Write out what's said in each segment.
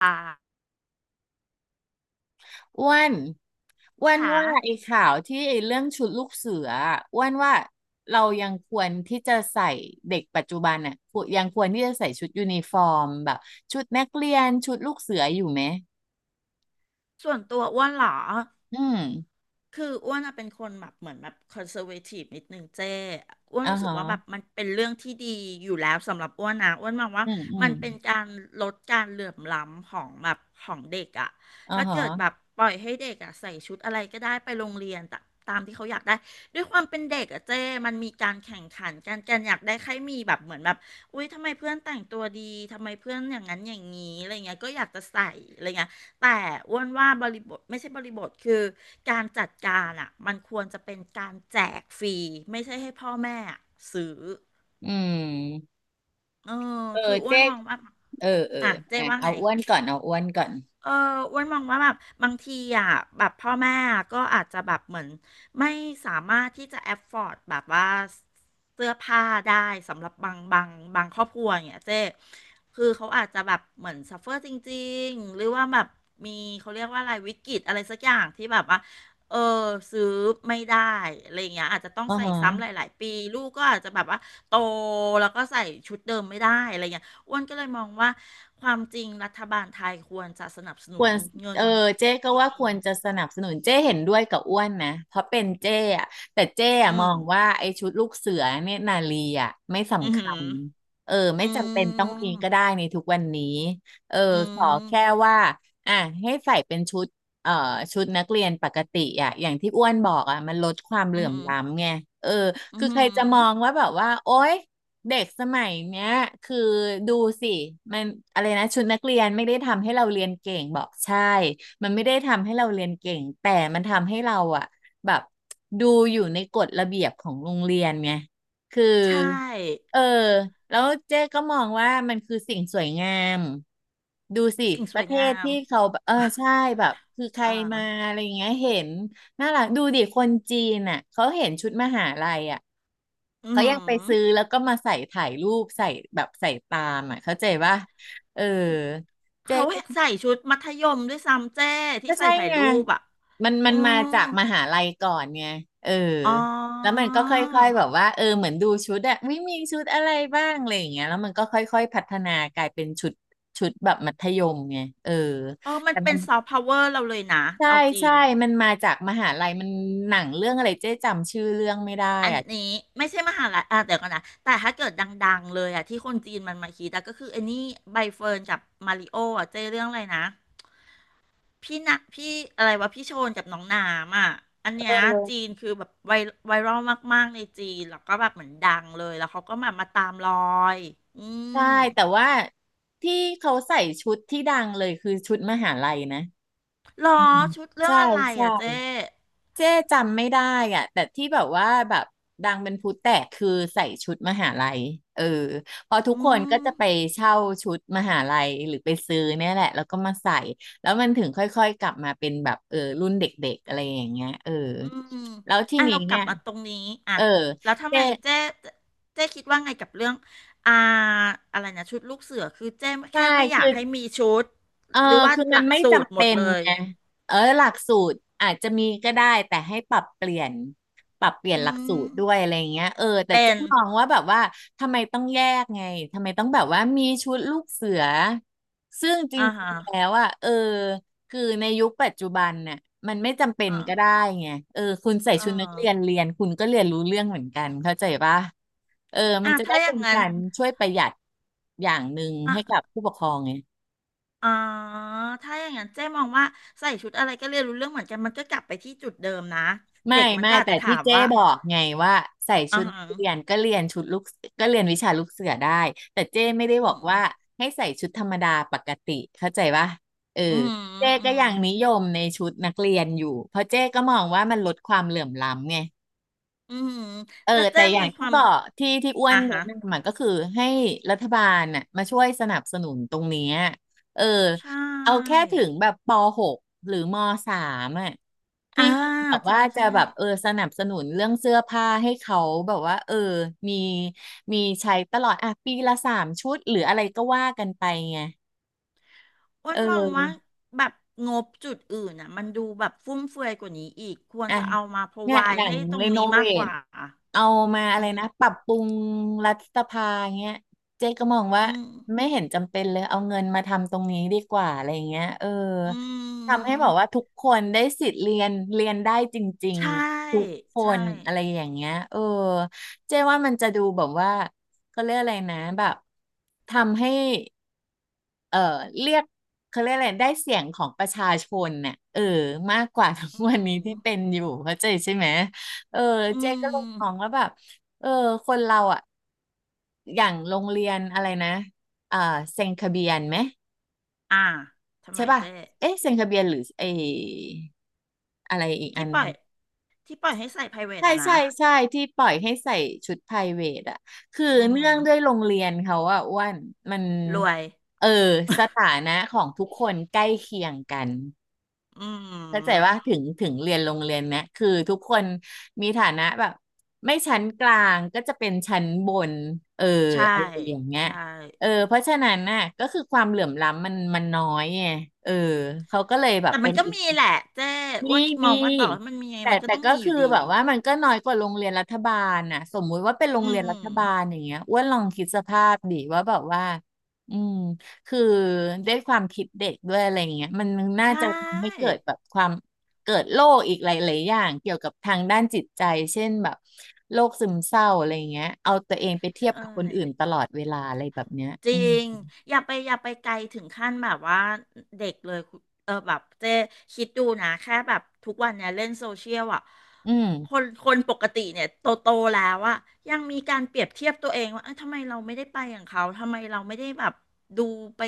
ค่ะอ้วนอ้วนค่ว่าไอ้ะ ข่าวที่ไอ้เรื่องชุดลูกเสืออะอ้วนว่าเรายังควรที่จะใส่เด็กปัจจุบันอ่ะควรยังควรที่จะใส่ชุดยูนิฟอร์มแบบชุดนักเรียนชุดลูกเสืออยู่ไหมส่วนตัวอ้วนเหรออืมคืออ้วนอะเป็นคนแบบเหมือนแบบคอนเซอร์เวทีฟนิดนึงเจ้อ้วนอ่ารู้สึกฮะว่าแบบมันเป็นเรื่องที่ดีอยู่แล้วสำหรับอ้วนนะอ้วนมองว่าอืมอืมัมนเป็นการลดการเหลื่อมล้ำของแบบของเด็กอะอ่าถ้าฮะเกิดแบบปล่อยให้เด็กอะใส่ชุดอะไรก็ได้ไปโรงเรียนตามที่เขาอยากได้ด้วยความเป็นเด็กอะเจ้มันมีการแข่งขันกันอยากได้ใครมีแบบเหมือนแบบอุ้ยทำไมเพื่อนแต่งตัวดีทำไมเพื่อนอย่างนั้นอย่างนี้อะไรเงี้ยก็อยากจะใส่อะไรเงี้ย แต่อ้วนว่าบริบทไม่ใช่บริบทคือการจัดการอ่ะมันควรจะเป็นการแจกฟรีไม่ใช่ให้พ่อแม่อะซื้ออืมเออเออคืออ้วเจ๊นมกองว่าเออเอออ่ะเจ๊อ่ะว่าเอาไง อ้วนก่อนเอาอ้วนก่อนเอออ้วนมองว่าแบบบางทีอ่ะแบบพ่อแม่ก็อาจจะแบบเหมือนไม่สามารถที่จะแอ f o อ d ดแบบว่าเสื้อผ้าได้สำหรับบางครอบครัวอย่างเงี้ยเจ๊คือเขาอาจจะแบบเหมือน suffer จริงๆหรือว่าแบบมีเขาเรียกว่าอะไรวิกฤตอะไรสักอย่างที่แบบว่าเออซื้อไม่ได้อะไรอย่างเงี้ยอาจจะต้องอ่าใส่ฮะ ซ้ำหลายๆปีลูกก็อาจจะแบบว่าโตแล้วก็ใส่ชุดเดิมไม่ได้อะไรอย่างเงี้ย อ้วนก็เลยมองว่าความจริงรัฐบาลไทยควรจะสนับสคนุวนรเงิเอนอเจ๊ก็อืว่าม ควรจะสนับสนุนเจ๊เห็นด้วยกับอ้วนนะเพราะเป็นเจ๊อะแต่เจ๊อะอืมอม งว่าไอ้ชุดลูกเสือเนี่ยนาลีอะไม่อืสำม คัญเอออืไม่จำเป็นต้องมีม ก็ได้ในทุกวันนี้เอออืขอแค่ม ว่าอ่ะให้ใส่เป็นชุดเอ่อชุดนักเรียนปกติอะอย่างที่อ้วนบอกอะมันลดความเหอืลื่อมมล้ำไงเอออืคือใครจะมองมว่าแบบว่าโอ๊ย เด็กสมัยเนี้ยคือดูสิมันอะไรนะชุดนักเรียนไม่ได้ทำให้เราเรียนเก่งบอกใช่มันไม่ได้ทำให้เราเรียนเก่งแต่มันทำให้เราอะแบบดูอยู่ในกฎระเบียบของโรงเรียนไงคือใช่ เออแล้วเจ๊ก็มองว่ามันคือสิ่งสวยงามดูสิสิ่งสปวระยเทงาศมที่เขาแบบเออใช่แบบคือใครเอ่อมาอะไรอย่างเงี้ยเห็นน่ารักดูดิคนจีนอ่ะเขาเห็นชุดมหาลัยอ่ะ อืเขายังไปซื้อม แล้วก็มาใส่ถ่ายรูปใส่แบบใส่ตามอ่ะเข้าใจว่าเออเจเขาก็ใส่ชุดมัธยมด้วยซ้ำเจ้ที่ก็ใส่ใช่ถ่ายไงรูปอ่ะมันอืมันมามจากมหาลัยก่อนไงเอออ๋แล้วอมันก็ค่อยๆแบบว่าเออเหมือนดูชุดอะไม่มีชุดอะไรบ้างอะไรอย่างเงี้ยแล้วมันก็ค่อยๆพัฒนากลายเป็นชุดชุดแบบมัธยมไงเออเออ มัแต่นเป็มันนซอฟต์พาวเวอร์เราเลยนะ ใช่เอาจริใช่ง มันมาจากมหาลัยมันหนังเรื่องอะไรเจ๊จำชื่อเรื่องไม่ได้อันอ่ะนี้ไม่ใช่มหาลัยอ่ะเดี๋ยวก่อนนะแต่ถ้าเกิดดังๆเลยอ่ะที่คนจีนมันมาคิดอะก็คือไอ้นี่ใบเฟิร์นกับมาริโออ่ะเจเรื่องอะไรนะพี่นะพี่อะไรวะพี่โชนกับน้องนามอ่ะอันเเนี้ยจีออ นคือแบบไวรัลมากๆในจีนแล้วก็แบบเหมือนดังเลยแล้วเขาก็มาตามรอยอืใช่มแต่ว่าที่เขาใส่ชุดที่ดังเลยคือชุดมหาลัยนะหรอือมชุดเรื่อใช่งอะไรใช่อ่ะเจ๊เจ๊จำไม่ได้อ่ะแต่ที่แบบว่าแบบดังเป็นพลุแตกคือใส่ชุดมหาลัยเออพอทุกอืคนก็ม จะไปเช่าชุดมหาลัยหรือไปซื้อเนี่ยแหละแล้วก็มาใส่แล้วมันถึงค่อยๆกลับมาเป็นแบบเออรุ่นเด็กๆอะไรอย่างเงี้ยเอออืมแล้วทีอ่ะนี้เรากลัเนี่บยมาตรงนี้อ่ะเออแล้วทำเจ๊ไมเจ๊เจ๊คิดว่าไงกับเรื่องอ่าอะไรนะชุดลูกเสือคือเจ๊ใช่แค่ไม่อยาคือ กให้มีชุดเออหรือว่าคือหมัลันกไม่สูตรจำหมเป็ดนเลยไงเออหลักสูตรอาจจะมีก็ได้ แต่ให้ปรับเปลี่ยนปรับเปลี่ยนอืหลักสูมตรด้วยอะไรอย่างเงี้ยเออแต่เป็เจ๊นมองว่าแบบว่าทำไมต้องแยกไง ทำไมต้องแบบว่ามีชุดลูกเสือ ซึ่งจรอ่าิฮะงๆแล้วอ่ะเออคือในยุคปัจจุบันน่ะมันไม่จำเป็นอ่าก็ได้ไงเออคุณใส่อ่ชุดนักเรียนาเรียน คุณก็เรียนรู้เรื่องเหมือนกัน เข้าใจปะเออมันอ่ะจะได้ถ้าอเป็ย่างนนั้นการช่วยประหยัดอย่างหนึ่งให้กับอ่าผู้ปกครองไง อ่าถ้าอย่างนั้นเจ๊มองว่าใส่ชุดอะไรก็เรียนรู้เรื่องเหมือนกันมันก็กลับไปที่จุดเดิมนะไม่เด็กมันไม่ก็อาจแต่จะถาที่มเจ๊ว่าบอกไงว่าใส่อ่าชุดฮะนักเรียนก็เรียนชุดลูกก็เรียนวิชาลูกเสือได้แต่เจ๊ไม่ได้อืบอกม ว่าให้ใส่ชุดธรรมดาปกติเข้าใจปะเอออืมเจ๊อืก็ม ยังนิยมในชุดนักเรียนอยู่เพราะเจ๊ก็มองว่ามันลดความเหลื่อมล้ำไง อืมเออแล้วเจ๊แต่อย่ามีงคที่วามบอกที่อ้วอ่ะนแนะฮะนำมันก็คือให้รัฐบาลน่ะมาช่วยสนับสนุนตรงเนี้ยเออใช่เอาแค่ถึงแบบป .6 หรือม .3 อ่ะอ่าพี่แบบใช่ว่าจะใช่แบบเออสนับสนุนเรื่องเสื้อผ้าให้เขาแบบว่าเออมีมีใช้ตลอดอ่ะปีละ3 ชุดหรืออะไรก็ว่ากันไปไงอ้วเอนมองว่าอ แบบงบจุดอื่นอ่ะมันดูแบบฟุ่มเฟือยกว่านี้อีกควรอ่ะจะเอามา เนี่ยอ provide ย่างให้ตรงรีโนนี้เวมากกทว่า เอามาอะไรอืมนะปรับปรุงรัฐสภาเงี้ยเจ๊ก็มองว่าอืมไม่เห็นจำเป็นเลยเอาเงินมาทำตรงนี้ดีกว่าอะไรเงี้ยเอออืทำให้มบอกว่าทุกคนได้สิทธิ์เรียนเรียนได้จริงใช่ ๆทุกคใช่ นอะไรอย่างเงี้ยเออเจ๊ว่ามันจะดูแบบว่าเขาเรียกอะไรนะแบบทำให้ เออเรียกเขาเรียกอะไรได้เสียงของประชาชนน่ะเออมากกว่าทุกอืวันนี้ที่เป็นมอยู่เข้าใจใช่ไหมเอออืเจ๊ก็เลยมมองว่าแบบเออคนเราอ่ะอย่างโรงเรียนอะไรนะอ่าเซ็นทะเบียนไหมอ่าทำใช่ไมป่ะเจ๊เอ๊ะเซ็นทะเบียนหรือไออะไรอีกอัที่นปล่อยที่ปล่อยให้ใส่ private ใช่อ่ะนะใช่ใช่ที่ปล่อยให้ใส่ชุดไพรเวทอ่ะคืออืมเนื่องด้วยโรงเรียนเขาอ่ะอ้วนมันรวย เออสถานะของทุกคนใกล้เคียงกัน อืเข้าใจว่าถึมงถึงเรียนโรงเรียนเนี้ยคือทุกคนมีฐานะแบบไม่ชั้นกลางก็จะเป็นชั้นบนเออใช่ อะไรอย่างเงี้ยใช่ เออเพราะฉะนั้นน่ะก็คือความเหลื่อมล้ำมันน้อยไงเออเขาก็เลยแบบแต่มัเป็นนก็อีก มีแหละเจ้มีอ้วนมมีองว่าต่อให้มันมีไงแต่มันก็แต่ต้องก็มีอคือยู่ดีแบบว่ามันก็น้อยกว่าโรงเรียนรัฐบาลน่ะสมมุติว่าเป็นโรอืงเรีมยนอืรัฐมบาลอย่างเงี้ยอ้วนลองคิดสภาพดิว่าแบบว่าอืมคือด้วยความคิดเด็กด้วยอะไรเงี้ยมันน่าใชจะทำให้เกิ่ดแบบความเกิดโรคอีกหลายๆอย่างเกี่ยวกับทางด้านจิตใจเช่นแบบโรคซึมเศร้าอะไรเงี้ยเอาตัวเองไปเทียใช่ บกับคนอื่นตลอดเวลาอะไรแบบเนี้ยจอืริมงอย่าไปไกลถึงขั้นแบบว่าเด็กเลยคุณเออแบบเจ๊คิดดูนะแค่แบบทุกวันเนี่ยเล่นโซเชียลอ่ะอืมคนคนปกติเนี่ยโตโตแล้วอ่ะยังมีการเปรียบเทียบตัวเองว่าเอ้ยทำไมเราไม่ได้ไปอย่างเขาทำไมเราไม่ได้แบบดูไป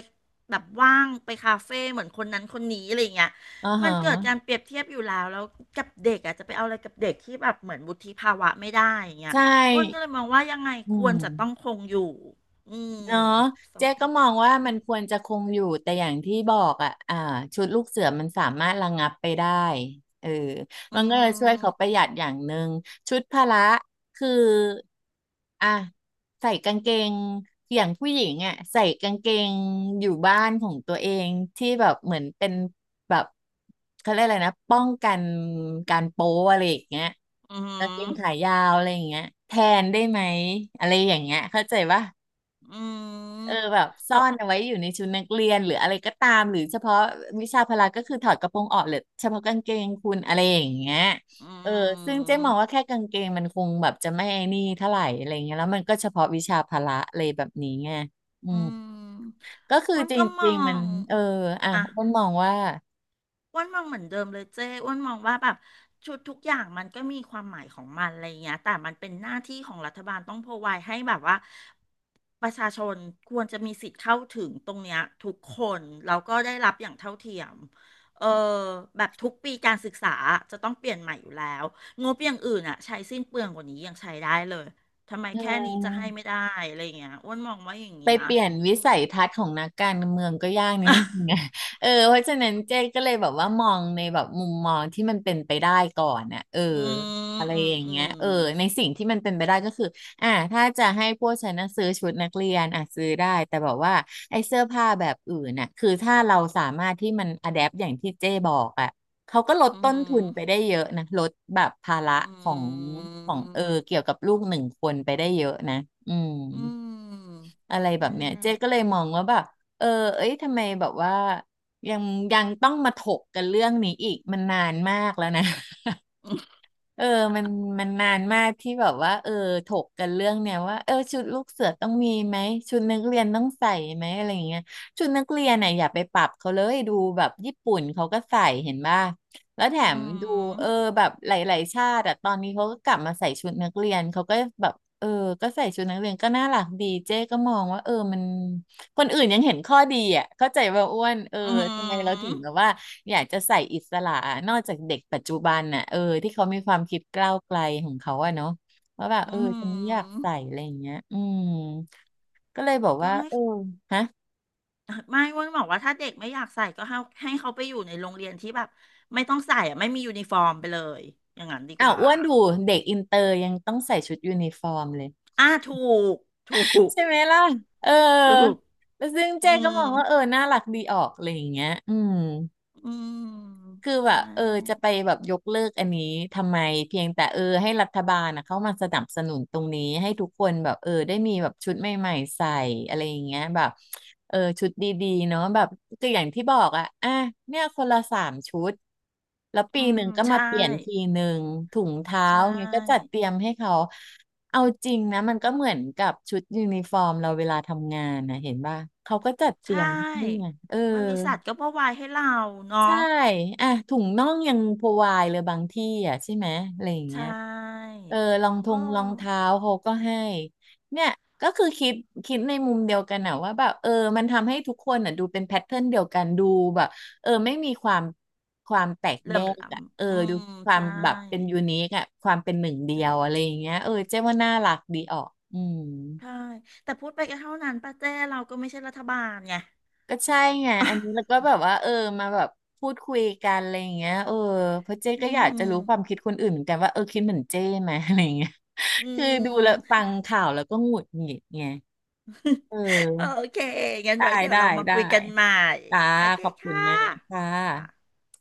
แบบว่างไปคาเฟ่เหมือนคนนั้นคนนี้อะไรอย่างเงี้ยอ๋อฮมันเกิดการะเปรียบเทียบอยู่แล้วกับเด็กอ่ะจะไปเอาอะไรกับเด็กที่แบบเหมือนวุฒิภาวะไม่ได้อย่างเงี้ใชยอ้วนก็เล่ยมองว่ายังไงอืควรม จะต้องคงอยู่ อืมเนาะเจ๊สำก็มองว่ามันควรจะคงอยู่ แต่อย่างที่บอกอ่ะชุดลูกเสือมันสามารถระงับไปได้เอออืมันก็เลยช่วยเขามประหยัดอย่างหนึ่งชุดพละ คืออ่ะใส่กางเกงอย่างผู้หญิงอ่ะใส่กางเกงอยู่บ้านของตัวเองที่แบบเหมือนเป็นแบบเขาเรียกอะไรนะป้องกันการโป๊อะไรอย่างเงี้ยอืกางเกงมขายาวอะไรอย่างเงี้ยแทนได้ไหมอะไรอย่างเงี้ยเข้าใจปะ อืเออมแบบซ่อแต่นเอาไว้อยู่ในชุดนักเรียนหรืออะไรก็ตามหรือเฉพาะวิชาพละก็คือถอดกระโปรงออกเหรือเฉพาะกางเกงคุณอะไรอย่างเงี้ยอืเออซึ่งเจ๊มมองว่าแค่กางเกงมันคงแบบจะไม่ไอ้นี่เท่าไหร่อะไรเงี้ยแล้วมันก็เฉพาะวิชาพละอะไรแบบนี้ไงอืมอืมก็คืออ้วนจก็มอริงๆมันงเอออ่ะอ่ะ อ้วนมองว่าอ้วนมองเหมือนเดิมเลยเจ้อ้วนมองว่าแบบชุดทุกอย่างมันก็มีความหมายของมันอะไรอย่างเงี้ยแต่มันเป็นหน้าที่ของรัฐบาลต้อง r o v i d e ให้แบบว่าประชาชนควรจะมีสิทธิ์เข้าถึงตรงเนี้ยทุกคนแล้วก็ได้รับอย่างเท่าเทียมเออแบบทุกปีการศึกษาจะต้องเปลี่ยนใหม่อยู่แล้วงบอย่างอื่นอ่ะใช้สิ้นเปลืองกว่านี้ยังใช้ได้เลยทำไมเอแค่นี้จะให้ไม่อ ได้อะไรอย่างเงี้ยอ้วนมองว่าอย่างไปนี้นะเปลี่ยนวิอืม สัยทัศน์ของนักการเมืองก็ยากนิดนึงไง เออเพราะฉะนั้นเจ๊ก็เลยแบบว่ามองในแบบมุมมองที่มันเป็นไปได้ก่อนน่ะเอออืมอะไรอืมอย่างอืเงี้ยมเออในสิ่งที่มันเป็นไปได้ก็คืออ่าถ้าจะให้พวกฉันน่ะซื้อชุดนักเรียนอ่ะซื้อได้แต่แบบว่าไอ้เสื้อผ้าแบบอื่นน่ะ คือถ้าเราสามารถที่มันอะแดปอย่างที่เจ๊บอกอ่ะเขาก็ลดอืต้นทุนไปม ได้เยอะนะลดแบบภาระอืของของเออมเกี่ยวกับลูกหนึ่งคนไปได้เยอะนะอืม อืมอะไรแบบนั่นเนี้ยแหละเจ๊ก็เลยมองว่าแบบเออเอ้ยทำไมแบบว่ายังยังต้องมาถกกันเรื่องนี้อีกมันนานมากแล้วนะ อืมเออมันมันนานมากที่แบบว่าเออถกกันเรื่องเนี้ยว่าเออชุดลูกเสือต้องมีไหมชุดนักเรียนต้องใส่ไหมอะไรอย่างเงี้ยชุดนักเรียนน่ะอย่าไปปรับเขาเลยดูแบบญี่ปุ่นเขาก็ใส่เห็นป่ะ แล้วแถมดูเออแบบหลายๆชาติอะตอนนี้เขาก็กลับมาใส่ชุดนักเรียนเขาก็แบบเออก็ใส่ชุดนักเรียนก็น่ารักดีเจ๊ก็มองว่าเออมันคนอื่นยังเห็นข้อดีอ่ะเข้าใจว่าอ้วนเอออืทำไมเราถึมงแบบว่าอยากจะใส่อิสระนอกจากเด็กปัจจุบันน่ะเออที่เขามีความคิดก้าวไกลของเขาอะเนาะว่าแบบเออือฉันไม่อยากมใส่อะไรอย่างเงี้ยอืมก็เลยบอกก็ว่าให้เออฮะไม่เวาบอกว่าถ้าเด็กไม่อยากใส่ก็ให้ให้เขาไปอยู่ในโรงเรียนที่แบบไม่ต้องใส่อะไม่มียูนิฟอร์มไปเลยอย่างนั้นดีกอ้าวว่าอ้วนดูเด็กอินเตอร์ยังต้องใส่ชุดยูนิฟอร์มเลย อ่าถูกถูกใช่ไหมล่ะ เออ ถูกแล้วซึ่งอืเจ๊ก็มมองว่าเออ น่ารักดีออกอะไรอย่างเงี้ยอืม อืมคือใชแบบเออจะ่ไปแบบยกเลิกอันนี้ทำไมเพียงแต่เออให้รัฐบาลนะเข้ามาสนับสนุนตรงนี้ให้ทุกคนแบบเออได้มีแบบชุดใหม่ๆใส่อะไรอย่างเงี้ยแบบเออชุดดีๆเนาะแบบก็อย่างที่บอกอ่ะเนี่ยคนละสามชุดแล้วปีอืหนึ่มงก็มาใช่เปลี่ยนทีหนึ่งถุงเท้าใชเงี้ยก็จัด่เตรียมให้เขาเอาจริงนะมันก็เหมือนกับชุดยูนิฟอร์มเราเวลาทำงานนะเห็นป่ะเขาก็จัดเตใชรียมนี่ไง่เออ บริษัทก็พรอไวให้เราใช่เนาะ อ่ะถุงน่องยังพรวายเลยบางที่อ่ะใช่ไหมอะไรอย่างเงี้ใช่ยเออรองทงโอ้รองเท้าเขาก็ให้เนี่ยก็คือคิดในมุมเดียวกันอะว่าแบบเออมันทำให้ทุกคนอะดูเป็นแพทเทิร์นเดียวกันดูแบบเออไม่มีความแตกเหลื่แยอมกล้อะเออำอืดูมความใช่แบบเป็นยูนิคอะความเป็นหนึ่งเดียใช่วอะไรอย่างเงี้ยเออเจ๊ว่าน่ารักดีออกอืม ใช่ แต่พูดไปก็เท่านั้นป้าเจ้เราก็ไม่ใช่รัฐบาลไง ก็ใช่ไงอันนี้แล้วก็แบบว่าเออมาแบบพูดคุยกันอะไรอย่างเงี้ยเออเพราะเจ๊อืก็อยากจะรู้ความมคิดคนอื่นเหมือนกันว่าเออคิดเหมือนเจ๊ไหม อะไรอย่างเงี้ยอืคือดูแล้วฟัมงข่าวแล้วก็หงุดหงิดไงเโอออเค งั้นได้ไว้เดี๋ยวได้เรามาได้คุยกันใหม่ จ้าโอเคขอบคุณค่ะแม่ค่ะค่ะ